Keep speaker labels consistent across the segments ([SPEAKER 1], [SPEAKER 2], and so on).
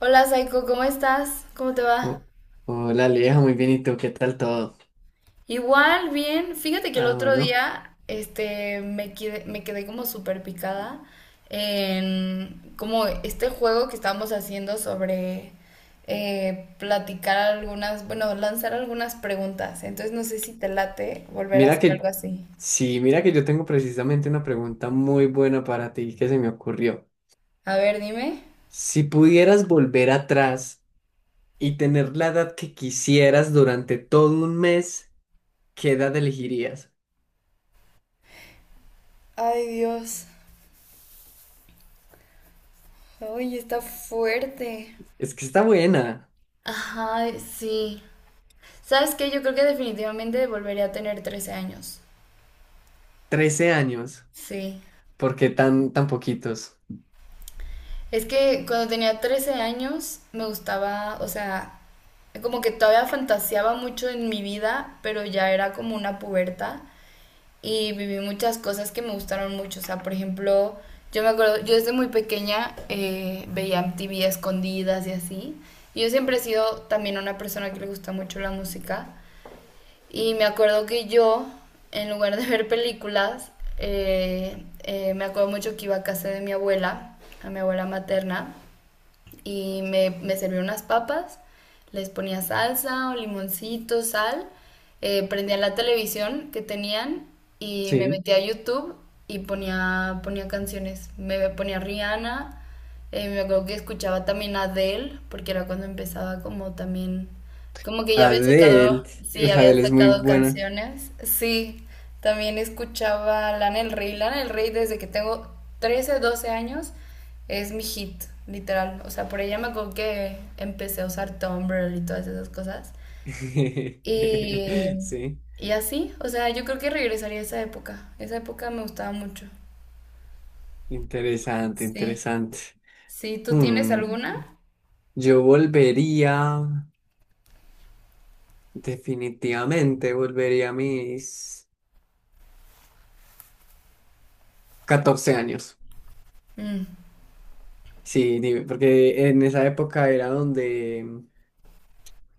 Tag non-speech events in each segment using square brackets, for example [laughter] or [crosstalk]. [SPEAKER 1] Hola Saiko, ¿cómo estás? ¿Cómo te va?
[SPEAKER 2] Oh, hola, Aleja, muy bien, ¿y tú qué tal todo?
[SPEAKER 1] Igual, bien. Fíjate que el
[SPEAKER 2] Ah,
[SPEAKER 1] otro
[SPEAKER 2] bueno,
[SPEAKER 1] día, me quedé como súper picada en como este juego que estábamos haciendo sobre platicar algunas, bueno, lanzar algunas preguntas. Entonces no sé si te late volver a
[SPEAKER 2] mira
[SPEAKER 1] hacer algo
[SPEAKER 2] que,
[SPEAKER 1] así.
[SPEAKER 2] sí, mira que yo tengo precisamente una pregunta muy buena para ti que se me ocurrió.
[SPEAKER 1] A ver, dime.
[SPEAKER 2] Si pudieras volver atrás y tener la edad que quisieras durante todo un mes, ¿qué edad elegirías?
[SPEAKER 1] Ay, Dios. Ay, está fuerte.
[SPEAKER 2] Es que está buena.
[SPEAKER 1] Ajá, sí. ¿Sabes qué? Yo creo que definitivamente volvería a tener 13 años.
[SPEAKER 2] 13 años.
[SPEAKER 1] Sí.
[SPEAKER 2] ¿Por qué tan, tan poquitos?
[SPEAKER 1] Es que cuando tenía 13 años me gustaba, o sea, como que todavía fantaseaba mucho en mi vida, pero ya era como una puberta y viví muchas cosas que me gustaron mucho. O sea, por ejemplo, yo me acuerdo, yo desde muy pequeña veía MTV a escondidas y así. Y yo siempre he sido también una persona que le gusta mucho la música. Y me acuerdo que yo, en lugar de ver películas, me acuerdo mucho que iba a casa de mi abuela, a mi abuela materna, y me servía unas papas, les ponía salsa o limoncito, sal, prendía la televisión que tenían y me
[SPEAKER 2] Sí,
[SPEAKER 1] metía a YouTube y ponía canciones. Me ponía Rihanna, me acuerdo que escuchaba también a Adele, porque era cuando empezaba como también, como que ya había
[SPEAKER 2] Adele,
[SPEAKER 1] sacado, sí,
[SPEAKER 2] uf,
[SPEAKER 1] había
[SPEAKER 2] Adele es muy
[SPEAKER 1] sacado
[SPEAKER 2] buena.
[SPEAKER 1] canciones. Sí, también escuchaba Lana del Rey desde que tengo 13 12 años es mi hit, literal. O sea, por ella me acuerdo que empecé a usar Tumblr y todas esas cosas.
[SPEAKER 2] [laughs]
[SPEAKER 1] Y,
[SPEAKER 2] Sí,
[SPEAKER 1] y así, o sea, yo creo que regresaría a esa época. Esa época me gustaba mucho.
[SPEAKER 2] interesante,
[SPEAKER 1] Sí.
[SPEAKER 2] interesante.
[SPEAKER 1] Sí, ¿tú tienes
[SPEAKER 2] Mm,
[SPEAKER 1] alguna?
[SPEAKER 2] yo volvería, definitivamente volvería a mis 14 años.
[SPEAKER 1] Mm,
[SPEAKER 2] Sí, porque en esa época era donde,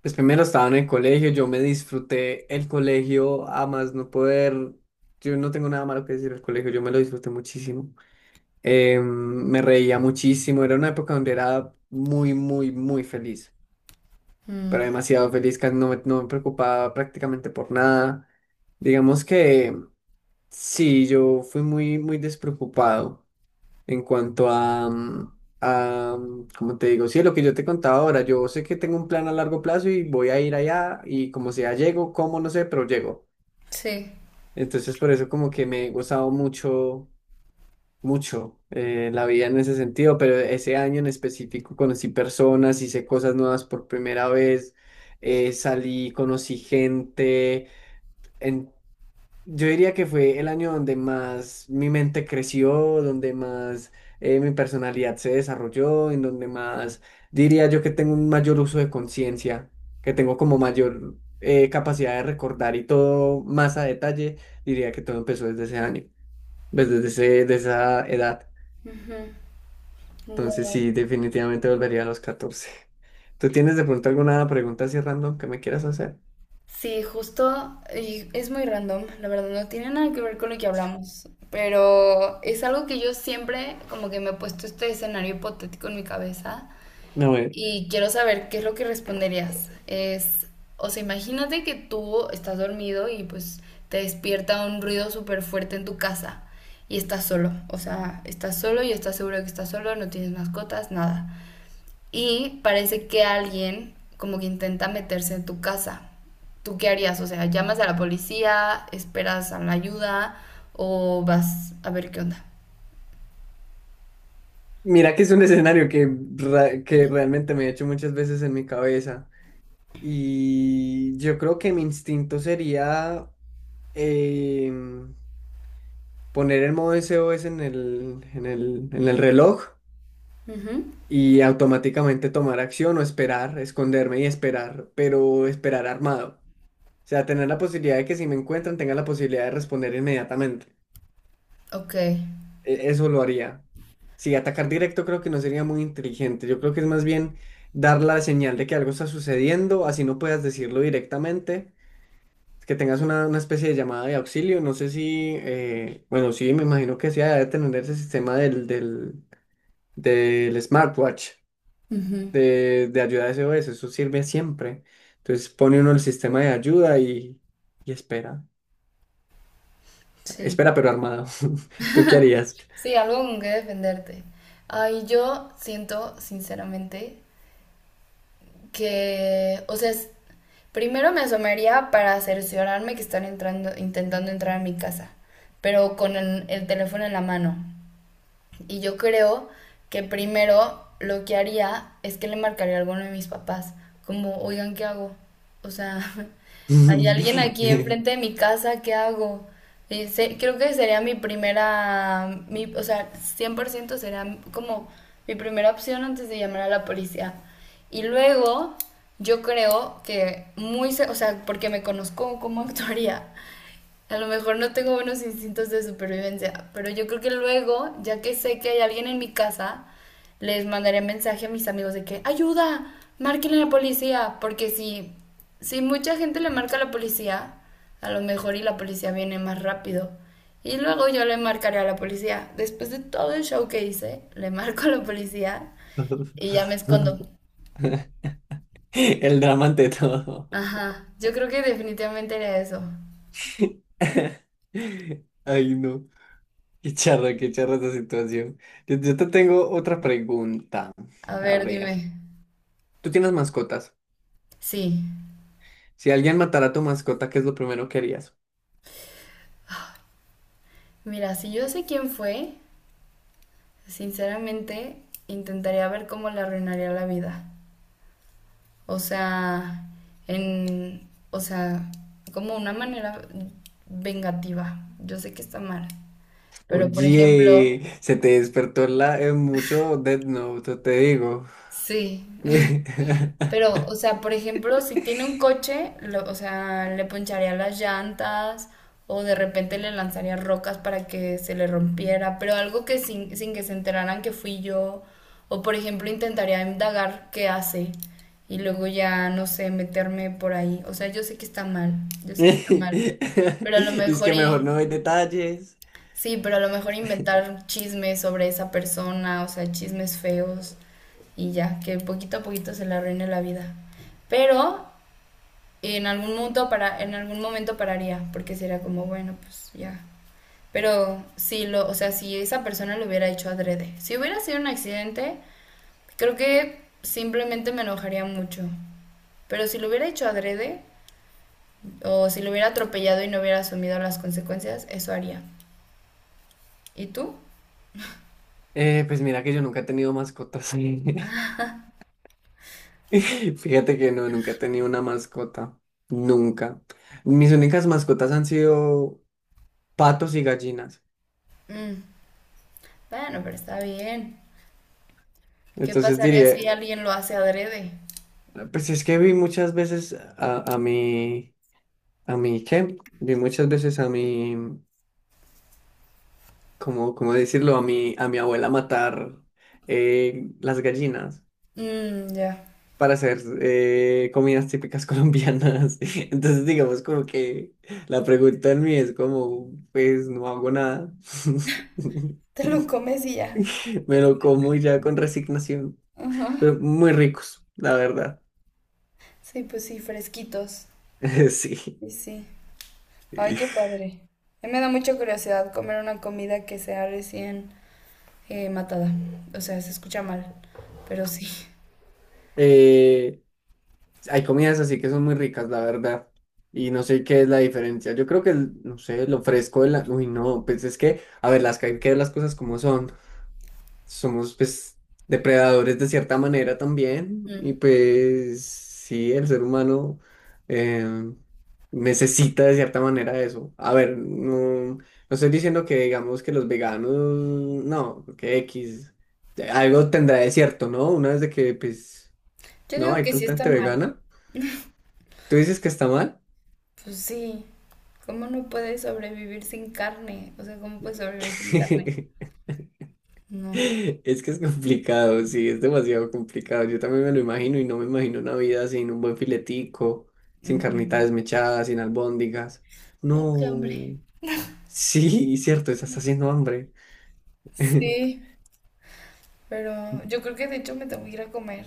[SPEAKER 2] pues primero estaba en el colegio, yo me disfruté el colegio a más no poder, yo no tengo nada malo que decir del colegio, yo me lo disfruté muchísimo. Em, Me reía muchísimo, era una época donde era muy, muy, muy feliz, pero
[SPEAKER 1] mm,
[SPEAKER 2] demasiado feliz, casi no me preocupaba prácticamente por nada. Digamos que... Sí, yo fui muy, muy despreocupado en cuanto a, a, como te digo, sí, lo que yo te contaba ahora, yo sé que tengo un plan a largo plazo y voy a ir allá y como sea, llego, como no sé, pero llego.
[SPEAKER 1] sí.
[SPEAKER 2] Entonces, por eso como que me he gozado mucho, mucho la vida en ese sentido, pero ese año en específico conocí personas, hice cosas nuevas por primera vez, salí, conocí gente. Yo diría que fue el año donde más mi mente creció, donde más mi personalidad se desarrolló, en donde más diría yo que tengo un mayor uso de conciencia, que tengo como mayor capacidad de recordar y todo más a detalle. Diría que todo empezó desde ese año, pues, de esa edad.
[SPEAKER 1] Ujú.
[SPEAKER 2] Entonces
[SPEAKER 1] Wow.
[SPEAKER 2] sí, definitivamente volvería a los 14. ¿Tú tienes de pronto alguna pregunta así random que me quieras hacer?
[SPEAKER 1] Sí, justo, y es muy random, la verdad, no tiene nada que ver con lo que hablamos, pero es algo que yo siempre como que me he puesto este escenario hipotético en mi cabeza.
[SPEAKER 2] A ver.
[SPEAKER 1] Y quiero saber qué es lo que responderías. O sea, imagínate que tú estás dormido y pues te despierta un ruido súper fuerte en tu casa y estás solo. O sea, estás solo y estás seguro que estás solo, no tienes mascotas, nada. Y parece que alguien como que intenta meterse en tu casa. ¿Tú qué harías? O sea, ¿llamas a la policía, esperas a la ayuda o vas a ver qué onda?
[SPEAKER 2] Mira que es un escenario que, que realmente me he hecho muchas veces en mi cabeza, y yo creo que mi instinto sería em, poner el modo SOS en en el reloj,
[SPEAKER 1] Ujú.
[SPEAKER 2] y automáticamente tomar acción o esperar, esconderme y esperar, pero esperar armado. O sea, tener la posibilidad de que si me encuentran tenga la posibilidad de responder inmediatamente.
[SPEAKER 1] Ok,
[SPEAKER 2] Eso lo haría. Sí, atacar directo creo que no sería muy inteligente. Yo creo que es más bien dar la señal de que algo está sucediendo, así no puedas decirlo directamente, que tengas una especie de llamada de auxilio. No sé si, bueno, sí, me imagino que sí, debe tener ese sistema del smartwatch
[SPEAKER 1] ujú.
[SPEAKER 2] de ayuda S O S. Eso sirve siempre. Entonces pone uno el sistema de ayuda y espera.
[SPEAKER 1] Sí.
[SPEAKER 2] Espera, pero armado. [laughs] ¿Tú qué harías?
[SPEAKER 1] Sí, algo con que defenderte. Ay, yo siento, sinceramente, que, o sea, primero me asomaría para cerciorarme que están entrando, intentando entrar a mi casa, pero con el teléfono en la mano. Y yo creo que primero lo que haría es que le marcaría a alguno de mis papás, como, oigan, ¿qué hago? O sea, [laughs] hay alguien aquí
[SPEAKER 2] [laughs]
[SPEAKER 1] enfrente de mi casa, ¿qué hago? Y creo que sería mi primera, mi, o sea, 100% sería como mi primera opción antes de llamar a la policía. Y luego, yo creo que o sea, porque me conozco cómo actuaría, a lo mejor no tengo buenos instintos de supervivencia, pero yo creo que luego, ya que sé que hay alguien en mi casa, les mandaré mensaje a mis amigos de que, ayuda, márquenle a la policía, porque si mucha gente le marca a la policía, a lo mejor y la policía viene más rápido. Y luego yo le marcaré a la policía. Después de todo el show que hice, le marco a la policía y ya me escondo.
[SPEAKER 2] [laughs] El drama ante todo.
[SPEAKER 1] Ajá, yo creo que definitivamente era eso.
[SPEAKER 2] [laughs] Ay, no. Qué charra esta situación. Yo te tengo otra pregunta.
[SPEAKER 1] A
[SPEAKER 2] A
[SPEAKER 1] ver,
[SPEAKER 2] ver,
[SPEAKER 1] dime.
[SPEAKER 2] ¿tú tienes mascotas?
[SPEAKER 1] Sí.
[SPEAKER 2] Si alguien matara a tu mascota, ¿qué es lo primero que harías?
[SPEAKER 1] Mira, si yo sé quién fue, sinceramente intentaría ver cómo le arruinaría la vida. O sea, o sea, como una manera vengativa. Yo sé que está mal, pero por ejemplo,
[SPEAKER 2] Oye, se te despertó la, mucho Death Note, te digo.
[SPEAKER 1] sí,
[SPEAKER 2] [laughs]
[SPEAKER 1] pero, o sea, por ejemplo, si tiene un coche, o sea, le poncharía las llantas o de repente le lanzaría rocas para que se le rompiera, pero algo que sin que se enteraran que fui yo. O, por ejemplo, intentaría indagar qué hace y luego ya, no sé, meterme por ahí. O sea, yo sé que está mal, yo sé que está mal, pero a lo
[SPEAKER 2] Es
[SPEAKER 1] mejor.
[SPEAKER 2] que mejor no hay detalles.
[SPEAKER 1] Sí, pero a lo mejor inventar chismes sobre esa persona, o sea, chismes feos y ya, que poquito a poquito se le arruine la vida. Pero en algún momento en algún momento pararía, porque sería como, bueno, pues ya. Pero o sea, si esa persona lo hubiera hecho adrede, si hubiera sido un accidente, creo que simplemente me enojaría mucho. Pero si lo hubiera hecho adrede, o si lo hubiera atropellado y no hubiera asumido las consecuencias, eso haría. ¿Y tú?
[SPEAKER 2] Pues mira que yo nunca he tenido mascotas. [laughs] [laughs] Fíjate que no, nunca he tenido una mascota. Nunca. Mis únicas mascotas han sido patos y gallinas.
[SPEAKER 1] Mm. Bueno, pero está bien. ¿Qué
[SPEAKER 2] Entonces
[SPEAKER 1] pasaría si
[SPEAKER 2] diría,
[SPEAKER 1] alguien lo hace adrede?
[SPEAKER 2] pues es que vi muchas veces a mi, ¿qué? Vi muchas veces a mi, ¿cómo, cómo decirlo? A mi abuela matar las gallinas
[SPEAKER 1] Mmm, ya.
[SPEAKER 2] para hacer comidas típicas [laughs] colombianas. Entonces digamos como que la pregunta en mí es como, pues no hago nada. [laughs]
[SPEAKER 1] Te lo comes y ya.
[SPEAKER 2] [laughs] Me lo como ya con resignación.
[SPEAKER 1] Ajá.
[SPEAKER 2] Pero muy ricos, la verdad.
[SPEAKER 1] Sí, pues sí, fresquitos.
[SPEAKER 2] [laughs] Sí.
[SPEAKER 1] Sí, sí. Ay, qué padre. A mí me da mucha curiosidad comer una comida que sea recién matada. O sea, se escucha mal, pero sí.
[SPEAKER 2] Eh, hay comidas así que son muy ricas, la verdad. Y no sé qué es la diferencia. Yo creo que, no sé, lo fresco de la... Uy, no, pues es que, a ver, las que hay que ver las cosas como son. Somos pues depredadores de cierta manera también
[SPEAKER 1] Mm.
[SPEAKER 2] y pues sí, el ser humano eh, necesita de cierta manera eso. A ver, no estoy diciendo que digamos que los veganos, no, que X, algo tendrá de cierto, ¿no? Una vez de que pues
[SPEAKER 1] Yo
[SPEAKER 2] no
[SPEAKER 1] digo
[SPEAKER 2] hay
[SPEAKER 1] que sí
[SPEAKER 2] tanta gente
[SPEAKER 1] están mal.
[SPEAKER 2] vegana, tú dices que está mal.
[SPEAKER 1] Pues sí. ¿Cómo no puedes sobrevivir sin carne? O sea, ¿cómo puedes sobrevivir sin carne?
[SPEAKER 2] [laughs]
[SPEAKER 1] No.
[SPEAKER 2] Es que es complicado, sí, es demasiado complicado. Yo también me lo imagino y no me imagino una vida sin un buen filetico, sin
[SPEAKER 1] Ujú.
[SPEAKER 2] carnita desmechada, sin albóndigas.
[SPEAKER 1] No, qué hambre.
[SPEAKER 2] No. Sí, cierto, estás haciendo hambre.
[SPEAKER 1] Sí. Pero yo creo que de hecho me tengo que ir a comer,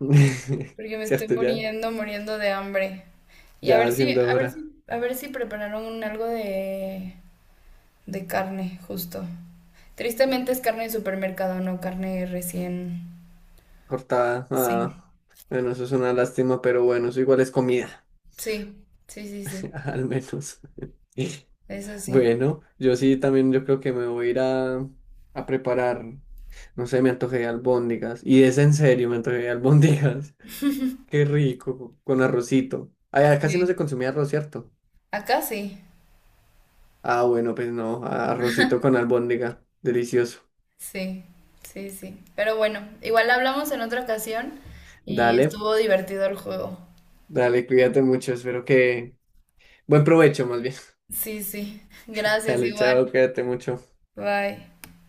[SPEAKER 2] [laughs]
[SPEAKER 1] porque me estoy
[SPEAKER 2] Cierto, ya,
[SPEAKER 1] muriendo, muriendo de hambre. Y a
[SPEAKER 2] ya
[SPEAKER 1] ver
[SPEAKER 2] va
[SPEAKER 1] si,
[SPEAKER 2] siendo
[SPEAKER 1] a ver
[SPEAKER 2] hora.
[SPEAKER 1] si, a ver si prepararon un algo de, carne, justo. Tristemente es carne de supermercado, no carne recién.
[SPEAKER 2] Cortada.
[SPEAKER 1] Sí.
[SPEAKER 2] Ah, bueno, eso es una lástima, pero bueno, eso igual es comida,
[SPEAKER 1] Sí, sí, sí, sí.
[SPEAKER 2] [laughs] al menos. [laughs]
[SPEAKER 1] Eso sí.
[SPEAKER 2] Bueno, yo sí también yo creo que me voy a ir a preparar. No sé, me antojé de albóndigas. Y es en serio, me antojé de albóndigas. [laughs] Qué rico, con arrocito. Allá casi no
[SPEAKER 1] Sí.
[SPEAKER 2] se consumía arroz, ¿cierto?
[SPEAKER 1] Acá sí.
[SPEAKER 2] Ah, bueno, pues no, arrocito con albóndiga. Delicioso.
[SPEAKER 1] Sí, sí, sí. Pero bueno, igual hablamos en otra ocasión y
[SPEAKER 2] Dale,
[SPEAKER 1] estuvo divertido el juego.
[SPEAKER 2] dale, cuídate mucho. Espero que... Buen provecho, más bien.
[SPEAKER 1] Sí, sí.
[SPEAKER 2] [laughs]
[SPEAKER 1] Gracias,
[SPEAKER 2] Dale,
[SPEAKER 1] igual.
[SPEAKER 2] chao, cuídate mucho.
[SPEAKER 1] Bye.